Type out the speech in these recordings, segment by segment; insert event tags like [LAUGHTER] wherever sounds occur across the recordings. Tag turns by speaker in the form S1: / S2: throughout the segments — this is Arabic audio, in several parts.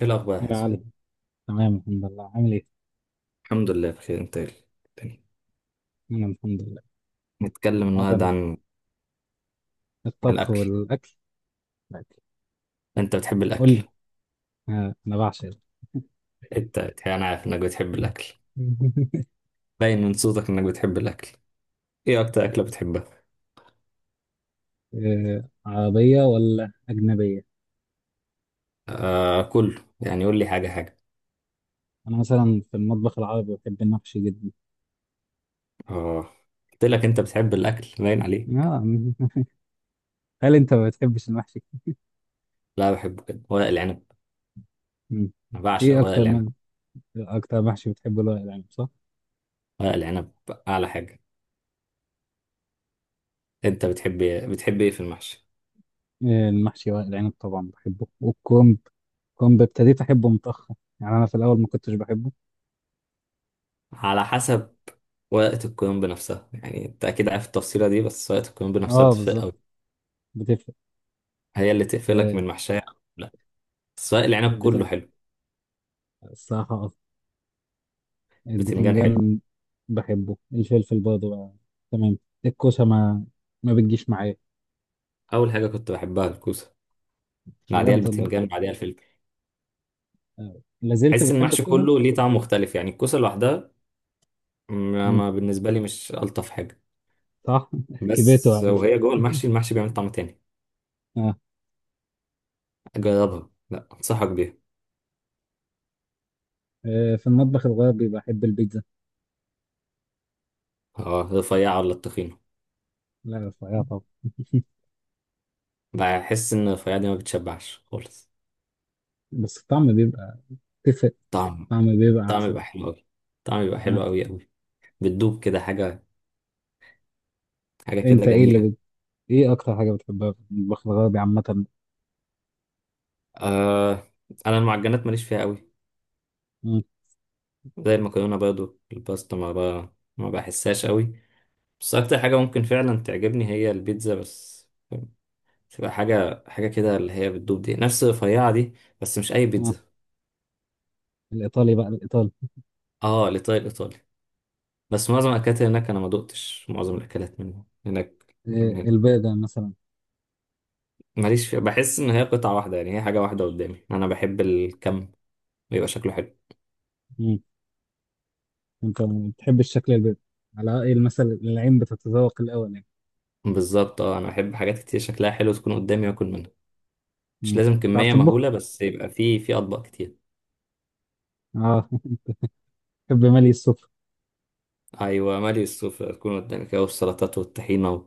S1: ايه الاخبار يا
S2: يا
S1: حسن؟
S2: علي، تمام الحمد لله. عامل ايه؟
S1: الحمد لله بخير، انت إيه تاني؟
S2: انا الحمد لله.
S1: نتكلم النهارده
S2: هذا
S1: عن
S2: الطبخ
S1: الاكل.
S2: والاكل. الأكل.
S1: انت بتحب
S2: قول
S1: الاكل؟
S2: لي. آه، انا بعشق ده.
S1: انت انا عارف انك بتحب الاكل،
S2: [LAUGHS]
S1: باين من صوتك انك بتحب الاكل. ايه اكتر اكله بتحبها؟
S2: آه، عربيه ولا اجنبيه؟
S1: آه كله، يعني قول لي حاجه حاجه.
S2: انا مثلا في المطبخ العربي بحب المحشي جدا.
S1: اه قلت لك، انت بتحب الاكل باين عليه.
S2: آه. [LAUGHS] هل انت ما بتحبش المحشي؟
S1: لا بحبه، كده ورق العنب.
S2: مم.
S1: انا بعشق
S2: ايه
S1: ورق العنب.
S2: اكتر محشي بتحبه، ورق العنب صح؟
S1: ورق العنب اعلى حاجه. انت بتحب إيه؟ بتحب ايه في المحشي؟
S2: آه، المحشي ورق العنب طبعا بحبه والكرنب. كرنب ابتديت احبه متاخر، يعني انا في الاول ما كنتش بحبه.
S1: على حسب ورقه الكرنب نفسها، يعني انت اكيد عارف التفصيله دي، بس ورقه الكرنب نفسها
S2: اه بالظبط.
S1: بتفرق.
S2: بتفرق.
S1: هي اللي تقفلك
S2: آه،
S1: من محشية. لا، سواء العنب كله
S2: بتنجح
S1: حلو.
S2: الصراحه.
S1: بتنجان حلو.
S2: البتنجان بحبه، الفلفل برضه بقى. تمام. الكوسة ما بتجيش معايا.
S1: أول حاجة كنت بحبها الكوسة، بعديها
S2: بجد والله.
S1: البتنجان، بعديها الفلفل.
S2: آه، لازلت
S1: أحس إن
S2: بتحب
S1: المحشي
S2: الكوسة؟
S1: كله ليه طعم مختلف، يعني الكوسة لوحدها ما
S2: مم.
S1: ما بالنسبة لي مش ألطف حاجة.
S2: صح. [LAUGHS] كبرت
S1: بس
S2: وعقلت.
S1: وهي جوه المحشي بيعمل طعم تاني.
S2: آه.
S1: جربها، لا أنصحك بيها.
S2: آه، في المطبخ الغربي بحب البيتزا.
S1: اه، رفيعة ولا التخينة؟
S2: لا رفيعة طبعا. [LAUGHS]
S1: بحس إن الرفيعة دي ما بتشبعش خالص.
S2: بس الطعم بيبقى. تفرق.
S1: طعم
S2: الطعم بيبقى
S1: طعم
S2: أحسن.
S1: يبقى حلو أوي. طعم يبقى
S2: آه.
S1: حلو أوي أوي. بتدوب كده حاجة، حاجة كده
S2: أنت إيه اللي
S1: جميلة.
S2: بت... إيه أكتر حاجة بتحبها في المطبخ الغربي عامة؟
S1: آه أنا المعجنات ماليش فيها أوي.
S2: مم.
S1: زي المكرونة برضو، الباستا ما بحسهاش قوي. بس أكتر حاجة ممكن فعلا تعجبني هي البيتزا، بس تبقى حاجة، حاجة كده اللي هي بتدوب دي، نفس الرفيعة دي. بس مش أي
S2: آه.
S1: بيتزا.
S2: الإيطالي بقى الإيطالي.
S1: اه الإيطالي، الإيطالي. بس معظم الأكلات اللي هناك أنا ما دقتش، معظم الأكلات من هناك من
S2: آه.
S1: هنا
S2: البرجر مثلا.
S1: ماليش فيها. بحس إن هي قطعة واحدة، يعني هي حاجة واحدة قدامي. أنا بحب الكم، بيبقى شكله حلو.
S2: انت ما بتحبش شكل البيض، على ايه المثل، العين بتتذوق الاول يعني.
S1: بالظبط، اه أنا بحب حاجات كتير شكلها حلو تكون قدامي وآكل منها. مش
S2: مم.
S1: لازم
S2: بتعرف
S1: كمية
S2: تطبخ.
S1: مهولة، بس يبقى في أطباق كتير.
S2: اه. [LAUGHS] بحب مالي السفرة.
S1: ايوه، مالي السفرة تكون قدامك، أهو السلطات والطحينة و...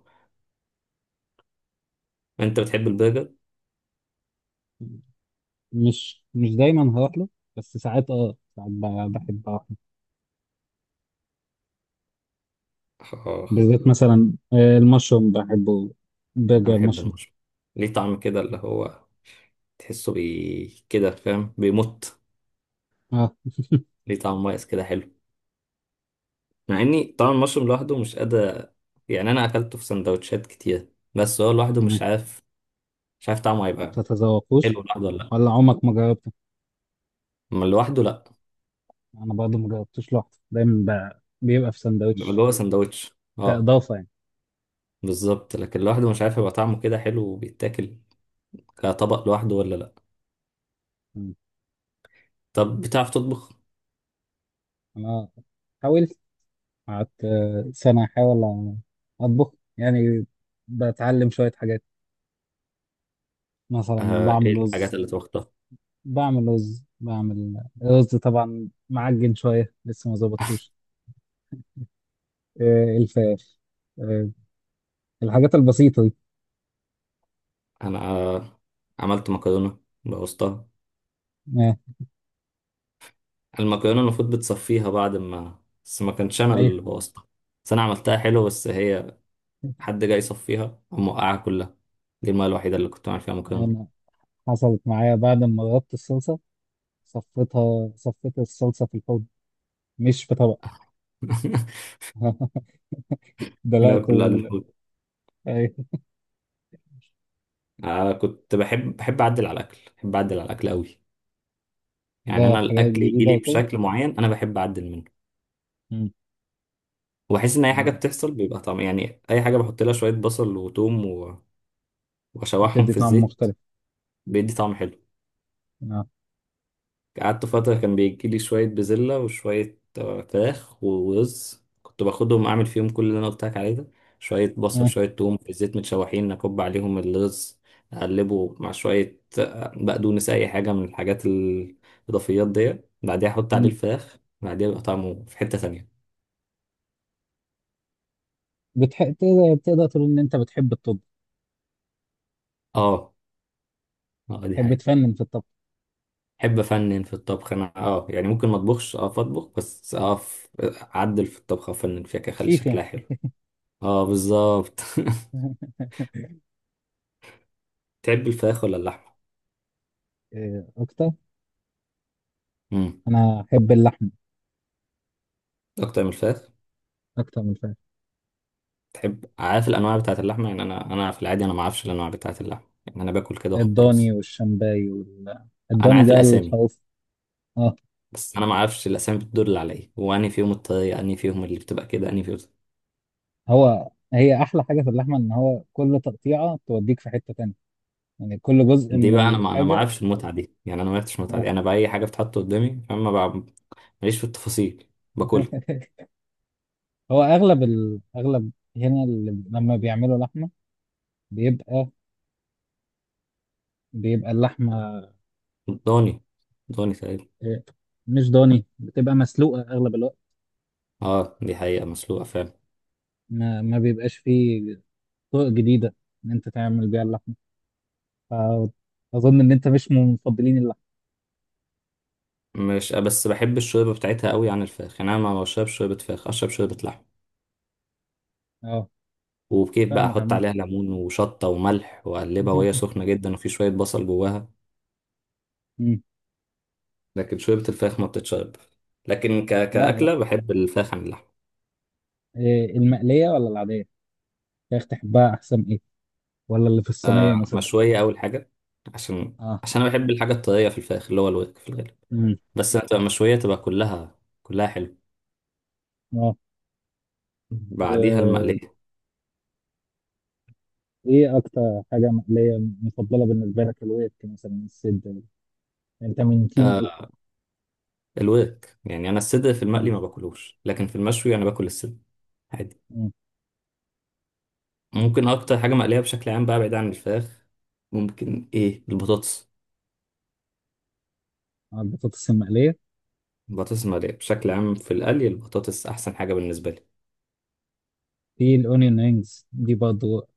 S1: انت بتحب البرجر؟
S2: مش دايما هروح له. بس ساعات بحب اروح له.
S1: آه،
S2: بالذات مثلا المشروم بحبه،
S1: انا
S2: برجر
S1: بحب
S2: المشروم.
S1: المشروم. ليه طعم كده، اللي هو تحسه بي كده، فاهم، بيمط.
S2: اه.
S1: ليه طعم مميز كده حلو، مع اني طعم المشروم لوحده مش قادر. يعني انا اكلته في سندوتشات كتير، بس هو لوحده
S2: تمام.
S1: مش عارف. مش عارف طعمه
S2: ما
S1: هيبقى
S2: بتتذوقوش،
S1: حلو لوحده ولا لا.
S2: ولا عمرك ما جربته.
S1: اما لوحده لا.
S2: انا برضه ما جربتوش لوحده دايما. ب- بيبقى في
S1: بيبقى
S2: سندوتش،
S1: جوه سندوتش. اه
S2: كاضافه يعني.
S1: بالظبط، لكن لوحده مش عارف هيبقى طعمه كده حلو وبيتاكل كطبق لوحده ولا لا.
S2: مم.
S1: طب بتعرف تطبخ؟
S2: انا حاولت. قعدت سنة أحاول أطبخ يعني. بتعلم شوية حاجات، مثلا
S1: ايه
S2: بعمل
S1: الحاجات
S2: رز.
S1: اللي توخطها؟
S2: بعمل رز طبعا، معجن شوية لسه ما ظبطتوش. الفراخ. آه، الحاجات البسيطة دي.
S1: انا عملت مكرونه، بوظتها.
S2: آه،
S1: المكرونه المفروض بتصفيها بعد ما... بس ما كانش انا
S2: أيوه.
S1: اللي بوظتها، بس انا عملتها حلو، بس هي حد جاي يصفيها قام وقعها كلها. دي المره الوحيده اللي كنت بعمل فيها مكرونه.
S2: أنا حصلت معايا بعد ما غطت الصلصة. صفيت الصلصة في الحوض، مش في طبق.
S1: [LAUGHS]
S2: [LAUGHS]
S1: المرة
S2: دلقت
S1: كلها
S2: ال...
S1: للحوت.
S2: أيوه.
S1: آه كنت بحب اعدل على الاكل، بحب اعدل على الاكل قوي. يعني انا
S2: بجرب حاجات
S1: الاكل يجي
S2: جديدة
S1: لي
S2: وكده.
S1: بشكل معين، انا بحب اعدل منه.
S2: مم.
S1: وبحس ان اي حاجه
S2: أنا.
S1: بتحصل بيبقى طعم، يعني اي حاجه بحط لها شويه بصل وتوم واشوحهم
S2: بتدي
S1: في
S2: طعم
S1: الزيت،
S2: مختلف.
S1: بيدي طعم حلو.
S2: آه.
S1: قعدت فترة كان بيجيلي شوية بزلة وشوية فراخ ورز، كنت باخدهم أعمل فيهم كل اللي أنا قلت لك عليه ده. شوية بصل،
S2: آه.
S1: شوية توم في الزيت متشوحين، أكب عليهم الرز، أقلبه مع شوية بقدونس، أي حاجة من الحاجات الإضافيات دي. بعديها أحط عليه الفراخ، بعديها يبقى طعمه في حتة تانية.
S2: بتح... تقدر تقول ان انت بتحب الطب.
S1: آه، آه دي
S2: تحب
S1: حقيقة.
S2: تفنن في الطبخ.
S1: أحب أفنن في الطبخ أنا، يعني ممكن ما أطبخش، أطبخ بس، أعدل في الطبخة، أفنن فيها كده، أخلي
S2: شيف يعني.
S1: شكلها حلو. آه بالظبط. [LAUGHS]
S2: [LAUGHS]
S1: تحب الفراخ ولا اللحمة؟
S2: إيه اكتر.
S1: امم
S2: انا احب اللحم
S1: أكتر من الفراخ.
S2: اكتر من الفراخ.
S1: تحب، عارف الأنواع بتاعة اللحمة؟ يعني أنا في العادي أنا ما أعرفش الأنواع بتاعة اللحمة، يعني أنا باكل كده
S2: الضاني
S1: وخلاص.
S2: والشمباي وال...
S1: أنا
S2: الضاني
S1: عارف
S2: ده
S1: الأسامي،
S2: الخروف. اه.
S1: بس أنا ما أعرفش الأسامي بتدل على إيه، وأني فيهم الطريقة، أني فيهم اللي بتبقى كده، أني فيهم.
S2: هي احلى حاجه في اللحمه، ان هو كل تقطيعه توديك في حته تانية. يعني كل جزء
S1: دي
S2: من
S1: بقى أنا، ما
S2: الحاجه.
S1: أعرفش المتعة دي، يعني أنا ما عرفتش المتعة
S2: آه.
S1: دي. أنا بقى أي حاجة بتتحط قدامي، فاهم، ما بقى ماليش في التفاصيل، باكلها.
S2: [LAUGHS] هو اغلب هنا، اللي لما بيعملوا لحمه بيبقى بيبقى اللحمه.
S1: ضاني، ضاني تقريبا.
S2: إيه، مش ضاني، بتبقى مسلوقه اغلب الوقت.
S1: أه دي حقيقة، مسلوقة فعلا.
S2: ما بيبقاش فيه طرق جديدة إن أنت تعمل بيها اللحمة. فأظن إن أنت مش من مفضلين اللحمة.
S1: مش بس بحب الشوربة بتاعتها قوي عن الفراخ، يعني أنا ما بشربش شوربة فراخ، أشرب شوربة لحمة.
S2: أه،
S1: وكيف بقى،
S2: فاهمك
S1: احط
S2: عامة.
S1: عليها ليمون وشطة وملح واقلبها وهي
S2: [LAUGHS]
S1: سخنة جدا، وفي شوية بصل جواها.
S2: مم.
S1: لكن شوربة الفراخ ما بتتشرب. لكن
S2: لا لا.
S1: كأكلة بحب الفراخ عن اللحمة.
S2: إيه، المقلية ولا العادية؟ فراخ تحبها أحسن إيه؟ ولا اللي في الصينية
S1: آه
S2: مثلا؟
S1: مشوية أول حاجة، عشان
S2: أه.
S1: عشان أنا بحب الحاجة الطرية في الفراخ، اللي هو الورك في الغالب.
S2: مم.
S1: بس لما تبقى مشوية تبقى كلها، كلها حلو.
S2: أه.
S1: بعديها
S2: وإيه
S1: المقلية.
S2: أكتر حاجة مقلية مفضلة بالنسبة لك؟ الوقت مثلا السد. أنت من تيم إيه؟
S1: آه الورك، يعني أنا الصدر في
S2: مم.
S1: المقلي ما باكلوش، لكن في المشوي أنا باكل الصدر عادي.
S2: مم.
S1: ممكن أكتر حاجة مقلية بشكل عام بقى، بعيد عن الفراخ، ممكن إيه؟ البطاطس.
S2: آه، البطاطس المقلية.
S1: البطاطس مقلية بشكل عام، في القلي البطاطس أحسن حاجة بالنسبة لي.
S2: في الأونيون رينجز دي برضه،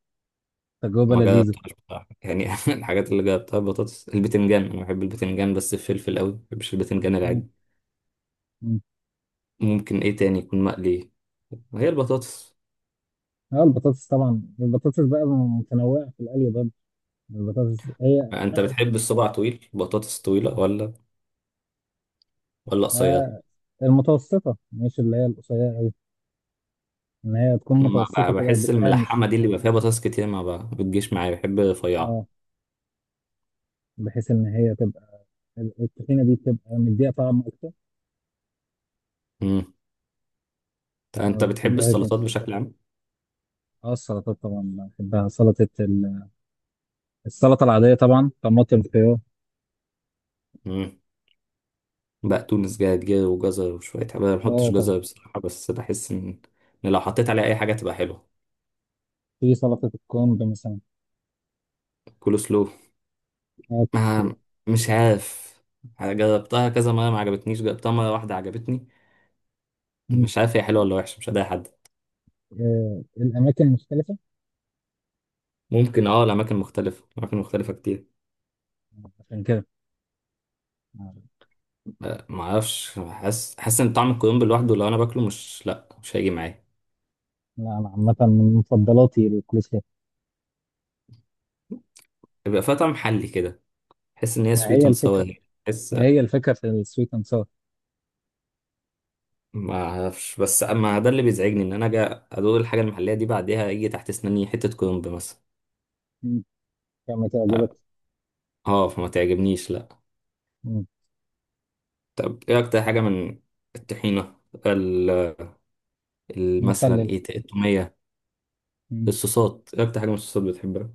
S2: تجربة
S1: ما
S2: لذيذة.
S1: جربتهاش بصراحة يعني. [LAUGHS] الحاجات اللي جربتها البطاطس، البتنجان، أنا بحب البتنجان بس الفلفل أوي، ما بحبش البتنجان
S2: مم.
S1: العادي.
S2: مم.
S1: ممكن إيه تاني يكون مقلي؟ هي البطاطس.
S2: اه البطاطس طبعا، البطاطس بقى متنوعة في القلي برضه. البطاطس هي
S1: أنت بتحب الصباع طويل، بطاطس طويلة ولا قصيرة؟
S2: آه المتوسطة، مش اللي هي القصيرة أوي. إن هي تكون
S1: ما
S2: متوسطة
S1: ب-
S2: كده
S1: بحس
S2: بتقامش.
S1: الملحمة دي اللي بيبقى فيها بطاطس كتير ما ب- بتجيش معايا، بحب رفيعة.
S2: اه، بحيث إن هي تبقى. الطحينة دي بتبقى مديها طعم أكتر.
S1: أمم. طب
S2: فما
S1: أنت بتحب
S2: بتحبهاش أنت.
S1: السلطات بشكل عام؟
S2: اه السلطات طبعا بحبها. سلطة ال... السلطة العادية، طبعا طماطم خيار.
S1: مم. بقدونس، جرجير، وجزر، وشوية حاجات. أنا ما بحطش
S2: اه طبعا.
S1: جزر بصراحة، بس بحس إن لو حطيت عليه أي حاجة تبقى حلوة.
S2: في سلطة الكرنب مثلا.
S1: كول سلو.
S2: اه الكسور.
S1: ما، مش عارف، جربتها كذا مرة ما عجبتنيش، جربتها مرة واحدة عجبتني.
S2: مم.
S1: مش عارف هي حلوة ولا وحشة، مش هداها حد.
S2: آه الأماكن المختلفة.
S1: ممكن، لأماكن مختلفة، أماكن مختلفة كتير.
S2: عشان كده. آه.
S1: ما أعرفش، حاسس إن طعم الكرنب لوحده لو أنا باكله مش، لأ مش هيجي معايا.
S2: لا، أنا عامة من مفضلاتي الكولسلو.
S1: بيبقى فيها طعم محلي كده. حس إن هي
S2: ما
S1: سويت
S2: هي
S1: أند
S2: الفكرة،
S1: ساور.
S2: هي الفكرة في السويت أند ساور.
S1: ما اعرفش، بس اما ده اللي بيزعجني ان انا اجي ادوق الحاجه المحليه دي، بعديها يجي تحت اسناني حته كرنب مثلا.
S2: كما تعجبك.
S1: اه فما تعجبنيش، لا.
S2: مم.
S1: طب ايه اكتر حاجه من الطحينه، ال- مثلا
S2: مخلل.
S1: ايه، التوميه؟
S2: مم.
S1: الصوصات، ايه اكتر حاجه من الصوصات بتحبها؟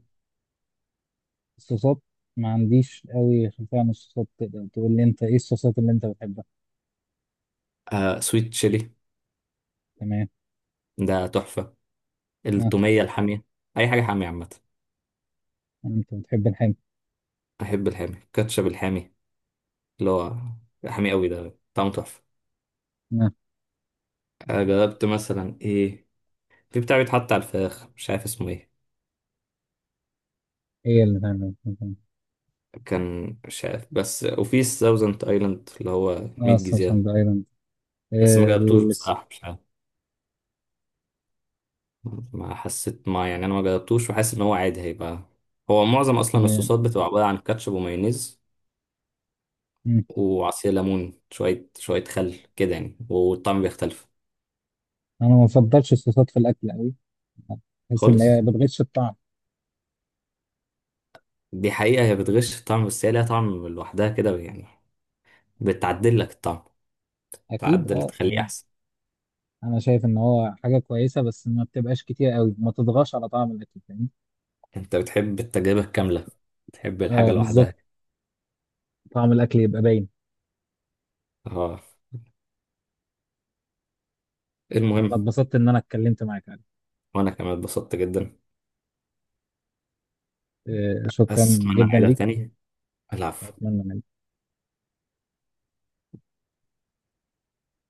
S2: الصوصات، ما عنديش قوي خلفية عن الصوصات. تقدر تقول لي انت ايه الصوصات اللي انت بتحبها؟
S1: آه سويت تشيلي،
S2: تمام.
S1: ده تحفه.
S2: اه.
S1: التوميه الحاميه. اي حاجه حاميه عامه.
S2: انت بتحب الحامي.
S1: احب الحامي، كاتشب الحامي اللي هو حامي قوي، ده طعمه تحفه.
S2: اه.
S1: جربت مثلا ايه، في بتاع بيتحط على الفراخ مش عارف اسمه ايه،
S2: ايه اللي بتحبه.
S1: كان مش عارف. بس وفي ساوزنت ايلاند اللي هو 100
S2: اه الصوصات
S1: جزيرة،
S2: ده ايضا.
S1: بس ما
S2: آه.
S1: جربتوش
S2: الس-.
S1: بصراحة، مش عارف ما حسيت، ما يعني انا ما جربتوش وحاسس ان هو عادي هيبقى. هو معظم اصلا
S2: آه.
S1: الصوصات بتبقى عبارة عن كاتشب ومايونيز
S2: مم.
S1: وعصير ليمون، شوية شوية خل كده يعني، والطعم بيختلف
S2: انا ما بفضلش الصوصات في الاكل قوي. بحس ان هي
S1: خالص.
S2: بتغش الطعم.
S1: دي حقيقة هي بتغش في الطعم، بس هي ليها طعم لوحدها كده يعني، بتعدل لك الطعم،
S2: اكيد
S1: تعدل
S2: اه
S1: تخليه
S2: يعني،
S1: احسن.
S2: انا شايف ان هو حاجه كويسه، بس ما بتبقاش كتير قوي، ما تضغطش على طعم الاكل، فاهم.
S1: انت بتحب التجربة الكاملة، تحب
S2: اه
S1: الحاجة
S2: بالظبط.
S1: لوحدها.
S2: طعم الاكل يبقى باين.
S1: اه.
S2: انا
S1: المهم،
S2: اتبسطت ان انا اتكلمت معاك.
S1: وانا كمان اتبسطت جدا،
S2: آه، شكرا
S1: بس اتمنى
S2: جدا
S1: نعيدها
S2: ليك.
S1: تاني. العب.
S2: أتمنى.